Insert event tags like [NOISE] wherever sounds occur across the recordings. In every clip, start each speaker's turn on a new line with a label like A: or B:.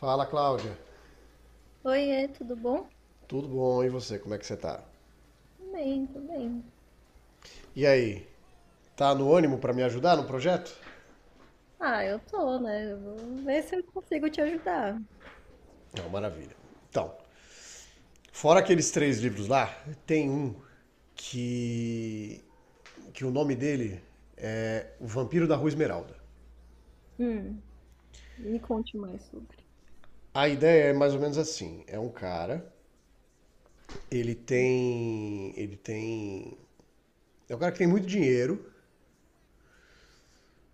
A: Fala, Cláudia.
B: Oiê, tudo bom?
A: Tudo bom? E você? Como é que você tá?
B: Tudo bem, tudo bem.
A: E aí? Tá no ânimo para me ajudar no projeto?
B: Ah, eu tô, né? Eu vou ver se eu consigo te ajudar.
A: Não, maravilha. Então, fora aqueles três livros lá, tem um que que o nome dele é O Vampiro da Rua Esmeralda.
B: Hum, me conte mais sobre.
A: A ideia é mais ou menos assim, é um cara, ele tem é um cara que tem muito dinheiro.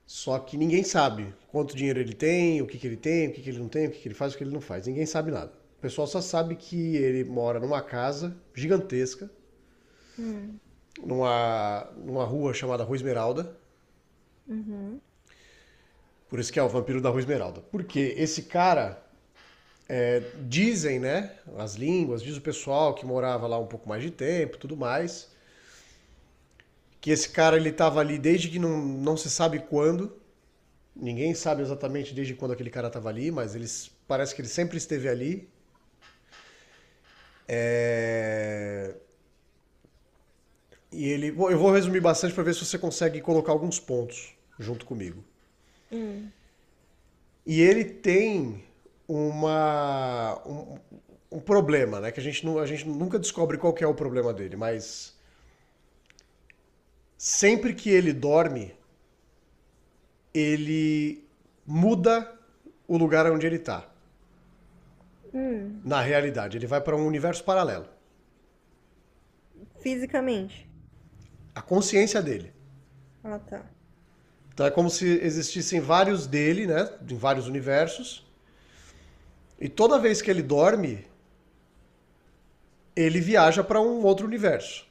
A: Só que ninguém sabe quanto dinheiro ele tem, o que que ele tem, o que que ele não tem, o que que ele faz, o que ele não faz. Ninguém sabe nada. O pessoal só sabe que ele mora numa casa gigantesca,
B: Hum,
A: numa rua chamada Rua Esmeralda.
B: uhum,
A: Por isso que é o vampiro da Rua Esmeralda. Porque esse cara, dizem, né, as línguas, diz o pessoal que morava lá um pouco mais de tempo e tudo mais, que esse cara ele estava ali desde que não se sabe quando. Ninguém sabe exatamente desde quando aquele cara estava ali, mas eles parece que ele sempre esteve ali. É. E ele, bom, eu vou resumir bastante para ver se você consegue colocar alguns pontos junto comigo.
B: hum,
A: E ele tem uma. Um problema, né? Que a gente, não, a gente nunca descobre qual que é o problema dele, mas sempre que ele dorme, ele muda o lugar onde ele está.
B: hum.
A: Na realidade, ele vai para um universo paralelo.
B: Fisicamente.
A: A consciência dele.
B: Ah, tá.
A: Então é como se existissem vários dele, né? Em vários universos. E toda vez que ele dorme, ele viaja para um outro universo.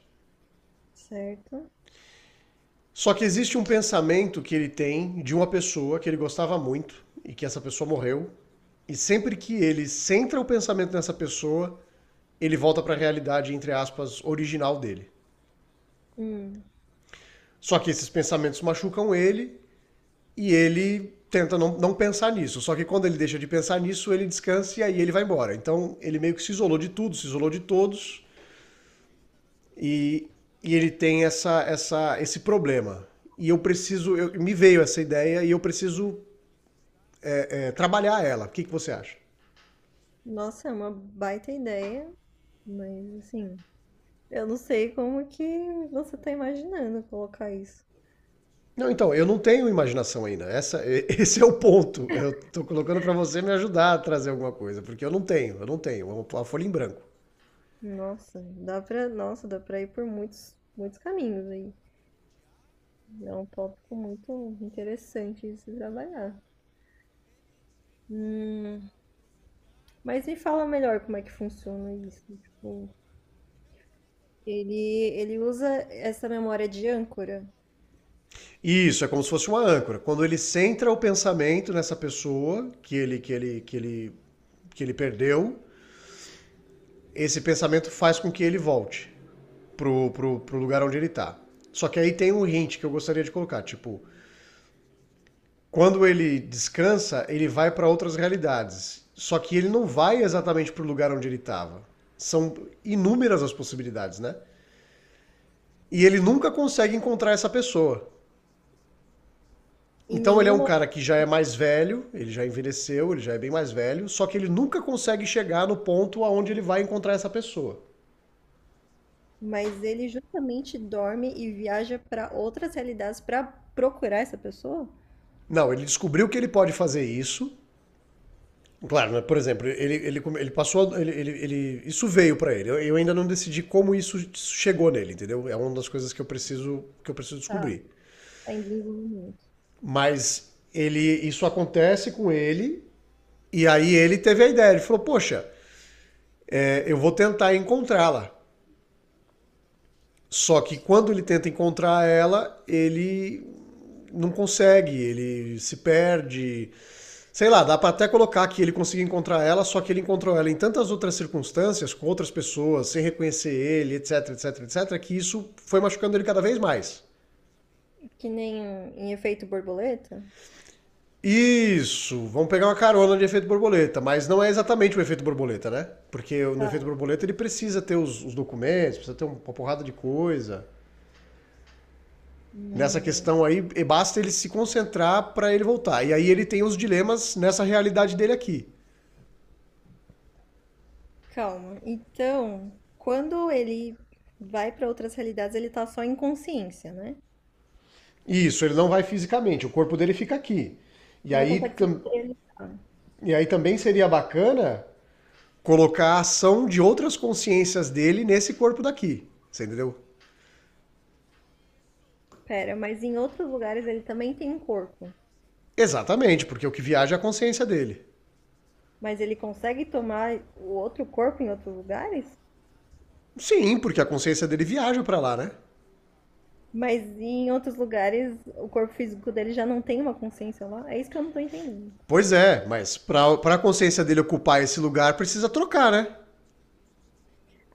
B: Certo.
A: Só que existe um pensamento que ele tem de uma pessoa que ele gostava muito e que essa pessoa morreu. E sempre que ele centra o pensamento nessa pessoa, ele volta para a realidade, entre aspas, original dele.
B: Hum.
A: Só que esses pensamentos machucam ele e ele tenta não pensar nisso. Só que quando ele deixa de pensar nisso, ele descansa e aí ele vai embora. Então ele meio que se isolou de tudo, se isolou de todos. E, e ele tem esse problema. E eu preciso, eu, me veio essa ideia e eu preciso, é, trabalhar ela. O que que você acha?
B: Nossa, é uma baita ideia, mas assim, eu não sei como que você tá imaginando colocar isso.
A: Não, então, eu não tenho imaginação ainda. Essa, [LAUGHS] esse é o ponto. Eu estou colocando para você me ajudar a trazer alguma coisa, porque eu não tenho, eu não tenho. É uma folha em branco.
B: Nossa, dá pra ir por muitos caminhos aí. É um tópico muito interessante de se trabalhar. Hum, mas me fala melhor como é que funciona isso. Tipo, ele, ele usa essa memória de âncora
A: Isso, é como se fosse uma âncora. Quando ele centra o pensamento nessa pessoa que ele que ele perdeu, esse pensamento faz com que ele volte. Pro lugar onde ele tá. Só que aí tem um hint que eu gostaria de colocar, tipo, quando ele descansa, ele vai para outras realidades. Só que ele não vai exatamente pro lugar onde ele tava. São inúmeras as possibilidades, né? E ele nunca consegue encontrar essa pessoa.
B: em
A: Então ele é um
B: nenhuma,
A: cara que já é mais velho, ele já envelheceu, ele já é bem mais velho, só que ele nunca consegue chegar no ponto aonde ele vai encontrar essa pessoa.
B: mas ele justamente dorme e viaja para outras realidades para procurar essa pessoa?
A: Não, ele descobriu que ele pode fazer isso. Claro, né? Por exemplo, ele passou. Isso veio para ele. Eu ainda não decidi como isso chegou nele, entendeu? É uma das coisas que eu preciso
B: Tá,
A: descobrir.
B: tá em desenvolvimento.
A: Mas ele, isso acontece com ele, e aí ele teve a ideia. Ele falou: Poxa, é, eu vou tentar encontrá-la. Só que quando ele tenta encontrar ela, ele não consegue, ele se perde. Sei lá, dá pra até colocar que ele conseguiu encontrar ela, só que ele encontrou ela em tantas outras circunstâncias, com outras pessoas, sem reconhecer ele, etc, etc, etc, que isso foi machucando ele cada vez mais.
B: Que nem em efeito borboleta?
A: Isso, vamos pegar uma carona de efeito borboleta, mas não é exatamente o efeito borboleta, né? Porque no
B: Tá.
A: efeito borboleta ele precisa ter os documentos, precisa ter um, uma porrada de coisa. Nessa
B: Hum,
A: questão aí, basta ele se concentrar pra ele voltar. E aí ele tem os dilemas nessa realidade dele aqui.
B: calma. Então, quando ele vai para outras realidades, ele tá só em consciência, né?
A: Isso, ele não vai fisicamente, o corpo dele fica aqui. E
B: Não
A: aí
B: consegue se materializar.
A: E aí também seria bacana colocar a ação de outras consciências dele nesse corpo daqui. Você entendeu?
B: Pera, mas em outros lugares ele também tem um corpo.
A: Exatamente, porque o que viaja é a consciência dele.
B: Mas ele consegue tomar o outro corpo em outros lugares?
A: Sim, porque a consciência dele viaja pra lá, né?
B: Mas em outros lugares o corpo físico dele já não tem uma consciência lá? É isso que eu não tô entendendo.
A: Pois é, mas pra consciência dele ocupar esse lugar precisa trocar, né?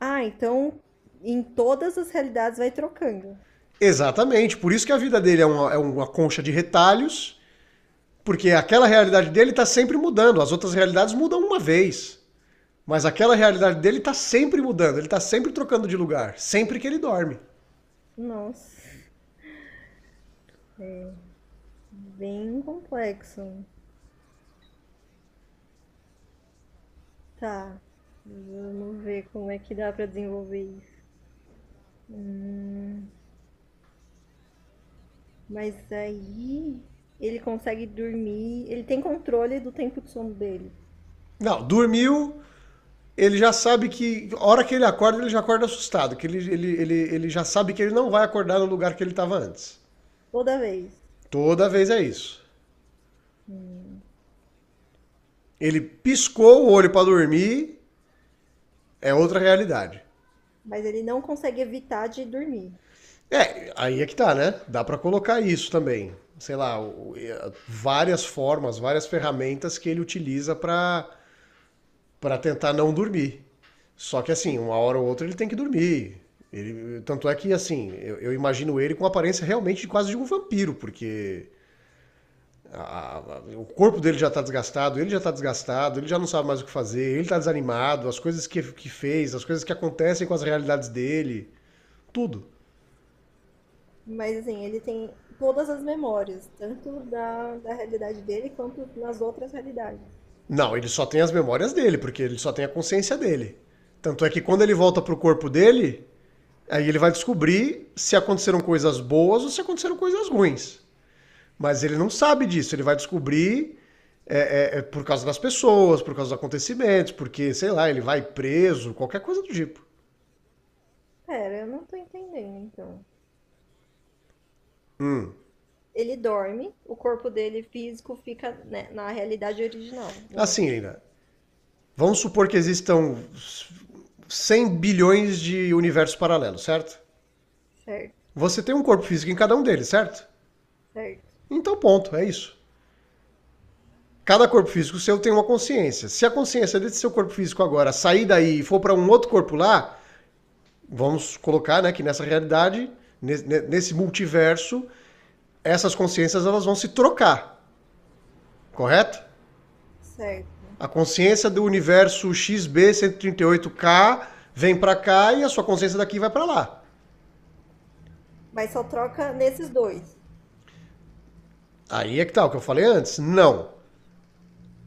B: Ah, então em todas as realidades vai trocando.
A: Exatamente, por isso que a vida dele é uma concha de retalhos, porque aquela realidade dele tá sempre mudando, as outras realidades mudam uma vez. Mas aquela realidade dele tá sempre mudando, ele tá sempre trocando de lugar, sempre que ele dorme.
B: Nossa, bem complexo. Tá, vamos ver como é que dá pra desenvolver isso. Mas aí ele consegue dormir, ele tem controle do tempo de sono dele,
A: Não, dormiu, ele já sabe que. A hora que ele acorda, ele já acorda assustado. Que ele já sabe que ele não vai acordar no lugar que ele estava antes.
B: toda vez.
A: Toda vez é isso.
B: Hum.
A: Ele piscou o olho para dormir, é outra realidade.
B: Mas ele não consegue evitar de dormir.
A: É, aí é que tá, né? Dá para colocar isso também. Sei lá, várias formas, várias ferramentas que ele utiliza para tentar não dormir. Só que assim, uma hora ou outra ele tem que dormir. Ele, tanto é que assim, eu imagino ele com a aparência realmente de quase de um vampiro, porque o corpo dele já tá desgastado, ele já tá desgastado, ele já não sabe mais o que fazer, ele tá desanimado, as coisas que fez, as coisas que acontecem com as realidades dele, tudo.
B: Mas assim, ele tem todas as memórias, tanto da realidade dele quanto nas outras realidades.
A: Não, ele só tem as memórias dele, porque ele só tem a consciência dele. Tanto é que quando ele volta pro corpo dele, aí ele vai descobrir se aconteceram coisas boas ou se aconteceram coisas ruins. Mas ele não sabe disso, ele vai descobrir, é por causa das pessoas, por causa dos acontecimentos, porque, sei lá, ele vai preso, qualquer coisa do tipo.
B: Pera, eu não tô entendendo então. Ele dorme, o corpo dele físico fica, né, na realidade original, no mundo.
A: Assim, ainda, vamos supor que existam 100 bilhões de universos paralelos, certo?
B: Certo,
A: Você tem um corpo físico em cada um deles, certo?
B: certo,
A: Então, ponto, é isso. Cada corpo físico seu tem uma consciência. Se a consciência desse seu corpo físico agora sair daí e for para um outro corpo lá, vamos colocar né, que nessa realidade, nesse multiverso, essas consciências elas vão se trocar, correto?
B: certo.
A: A consciência do universo XB138K vem para cá e a sua consciência daqui vai para lá.
B: Mas só troca nesses dois.
A: Aí é que tá o que eu falei antes. Não.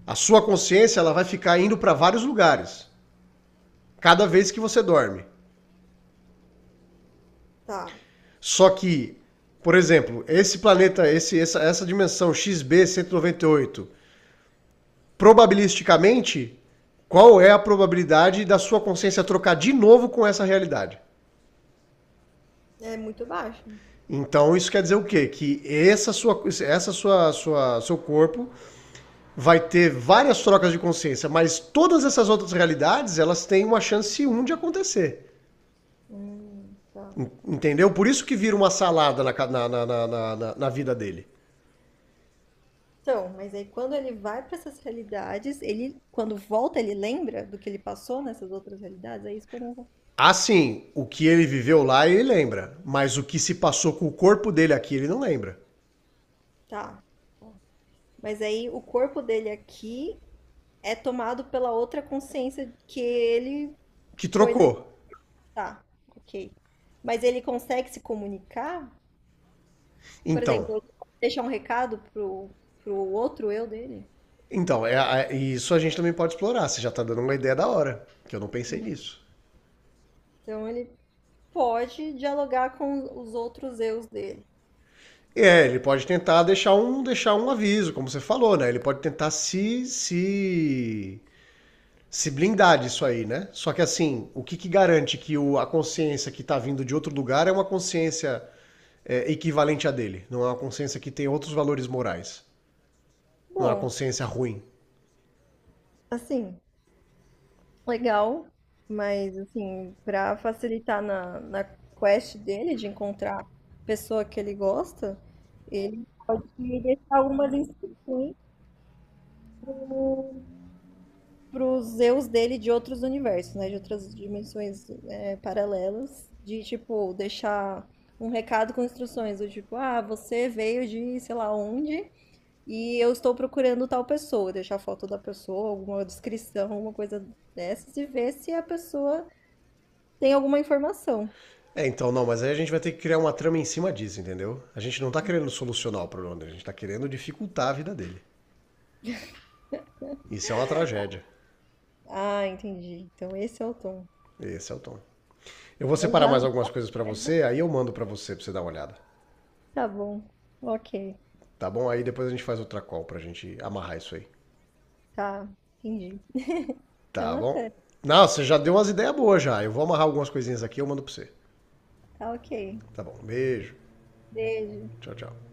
A: A sua consciência ela vai ficar indo para vários lugares cada vez que você dorme.
B: Tá.
A: Só que, por exemplo, esse planeta, essa dimensão XB198, probabilisticamente, qual é a probabilidade da sua consciência trocar de novo com essa realidade?
B: É muito baixo.
A: Então isso quer dizer o quê? Que seu corpo vai ter várias trocas de consciência, mas todas essas outras realidades elas têm uma chance um de acontecer,
B: Tá.
A: entendeu? Por isso que vira uma salada na vida dele.
B: Então, mas aí quando ele vai para essas realidades, ele, quando volta, ele lembra do que ele passou nessas outras realidades? É isso que eu não vou.
A: Assim, o que ele viveu lá ele lembra, mas o que se passou com o corpo dele aqui ele não lembra.
B: Tá, tá. Mas aí o corpo dele aqui é tomado pela outra consciência que ele
A: Que
B: foi na.
A: trocou.
B: Tá, ok. Mas ele consegue se comunicar? Por
A: Então,
B: exemplo, ele deixa um recado pro outro eu dele?
A: então é, é, isso a gente também pode explorar. Você já tá dando uma ideia da hora, que eu não pensei nisso.
B: Então ele pode dialogar com os outros eus dele.
A: É, ele pode tentar deixar um aviso, como você falou, né? Ele pode tentar se blindar disso aí, né? Só que assim, o que que garante que o, a consciência que tá vindo de outro lugar é uma consciência, é, equivalente à dele? Não é uma consciência que tem outros valores morais. Não é uma
B: Bom,
A: consciência ruim.
B: assim. Legal, mas assim, pra facilitar na quest dele de encontrar a pessoa que ele gosta, ele pode deixar algumas instruções pros Zeus dele de outros universos, né? De outras dimensões é, paralelas, de tipo, deixar um recado com instruções do tipo, ah, você veio de sei lá onde e eu estou procurando tal pessoa, deixar a foto da pessoa, alguma descrição, alguma coisa dessas, e ver se a pessoa tem alguma informação.
A: É, então não, mas aí a gente vai ter que criar uma trama em cima disso, entendeu? A gente não tá querendo solucionar o problema dele, a gente tá querendo dificultar a vida dele. Isso é uma tragédia.
B: Ah, entendi. Então esse é o tom.
A: Esse é o tom. Eu vou
B: Mas
A: separar
B: já
A: mais
B: não.
A: algumas coisas para você, aí eu mando para você dar uma olhada.
B: Tá bom. Ok.
A: Tá bom? Aí depois a gente faz outra call pra gente amarrar isso aí.
B: Tá. Entendi. Então
A: Tá bom?
B: até.
A: Não, você já deu umas ideias boas já. Eu vou amarrar algumas coisinhas aqui e eu mando pra você.
B: Tá ok.
A: Tá bom. Beijo.
B: Beijo.
A: Tchau, tchau.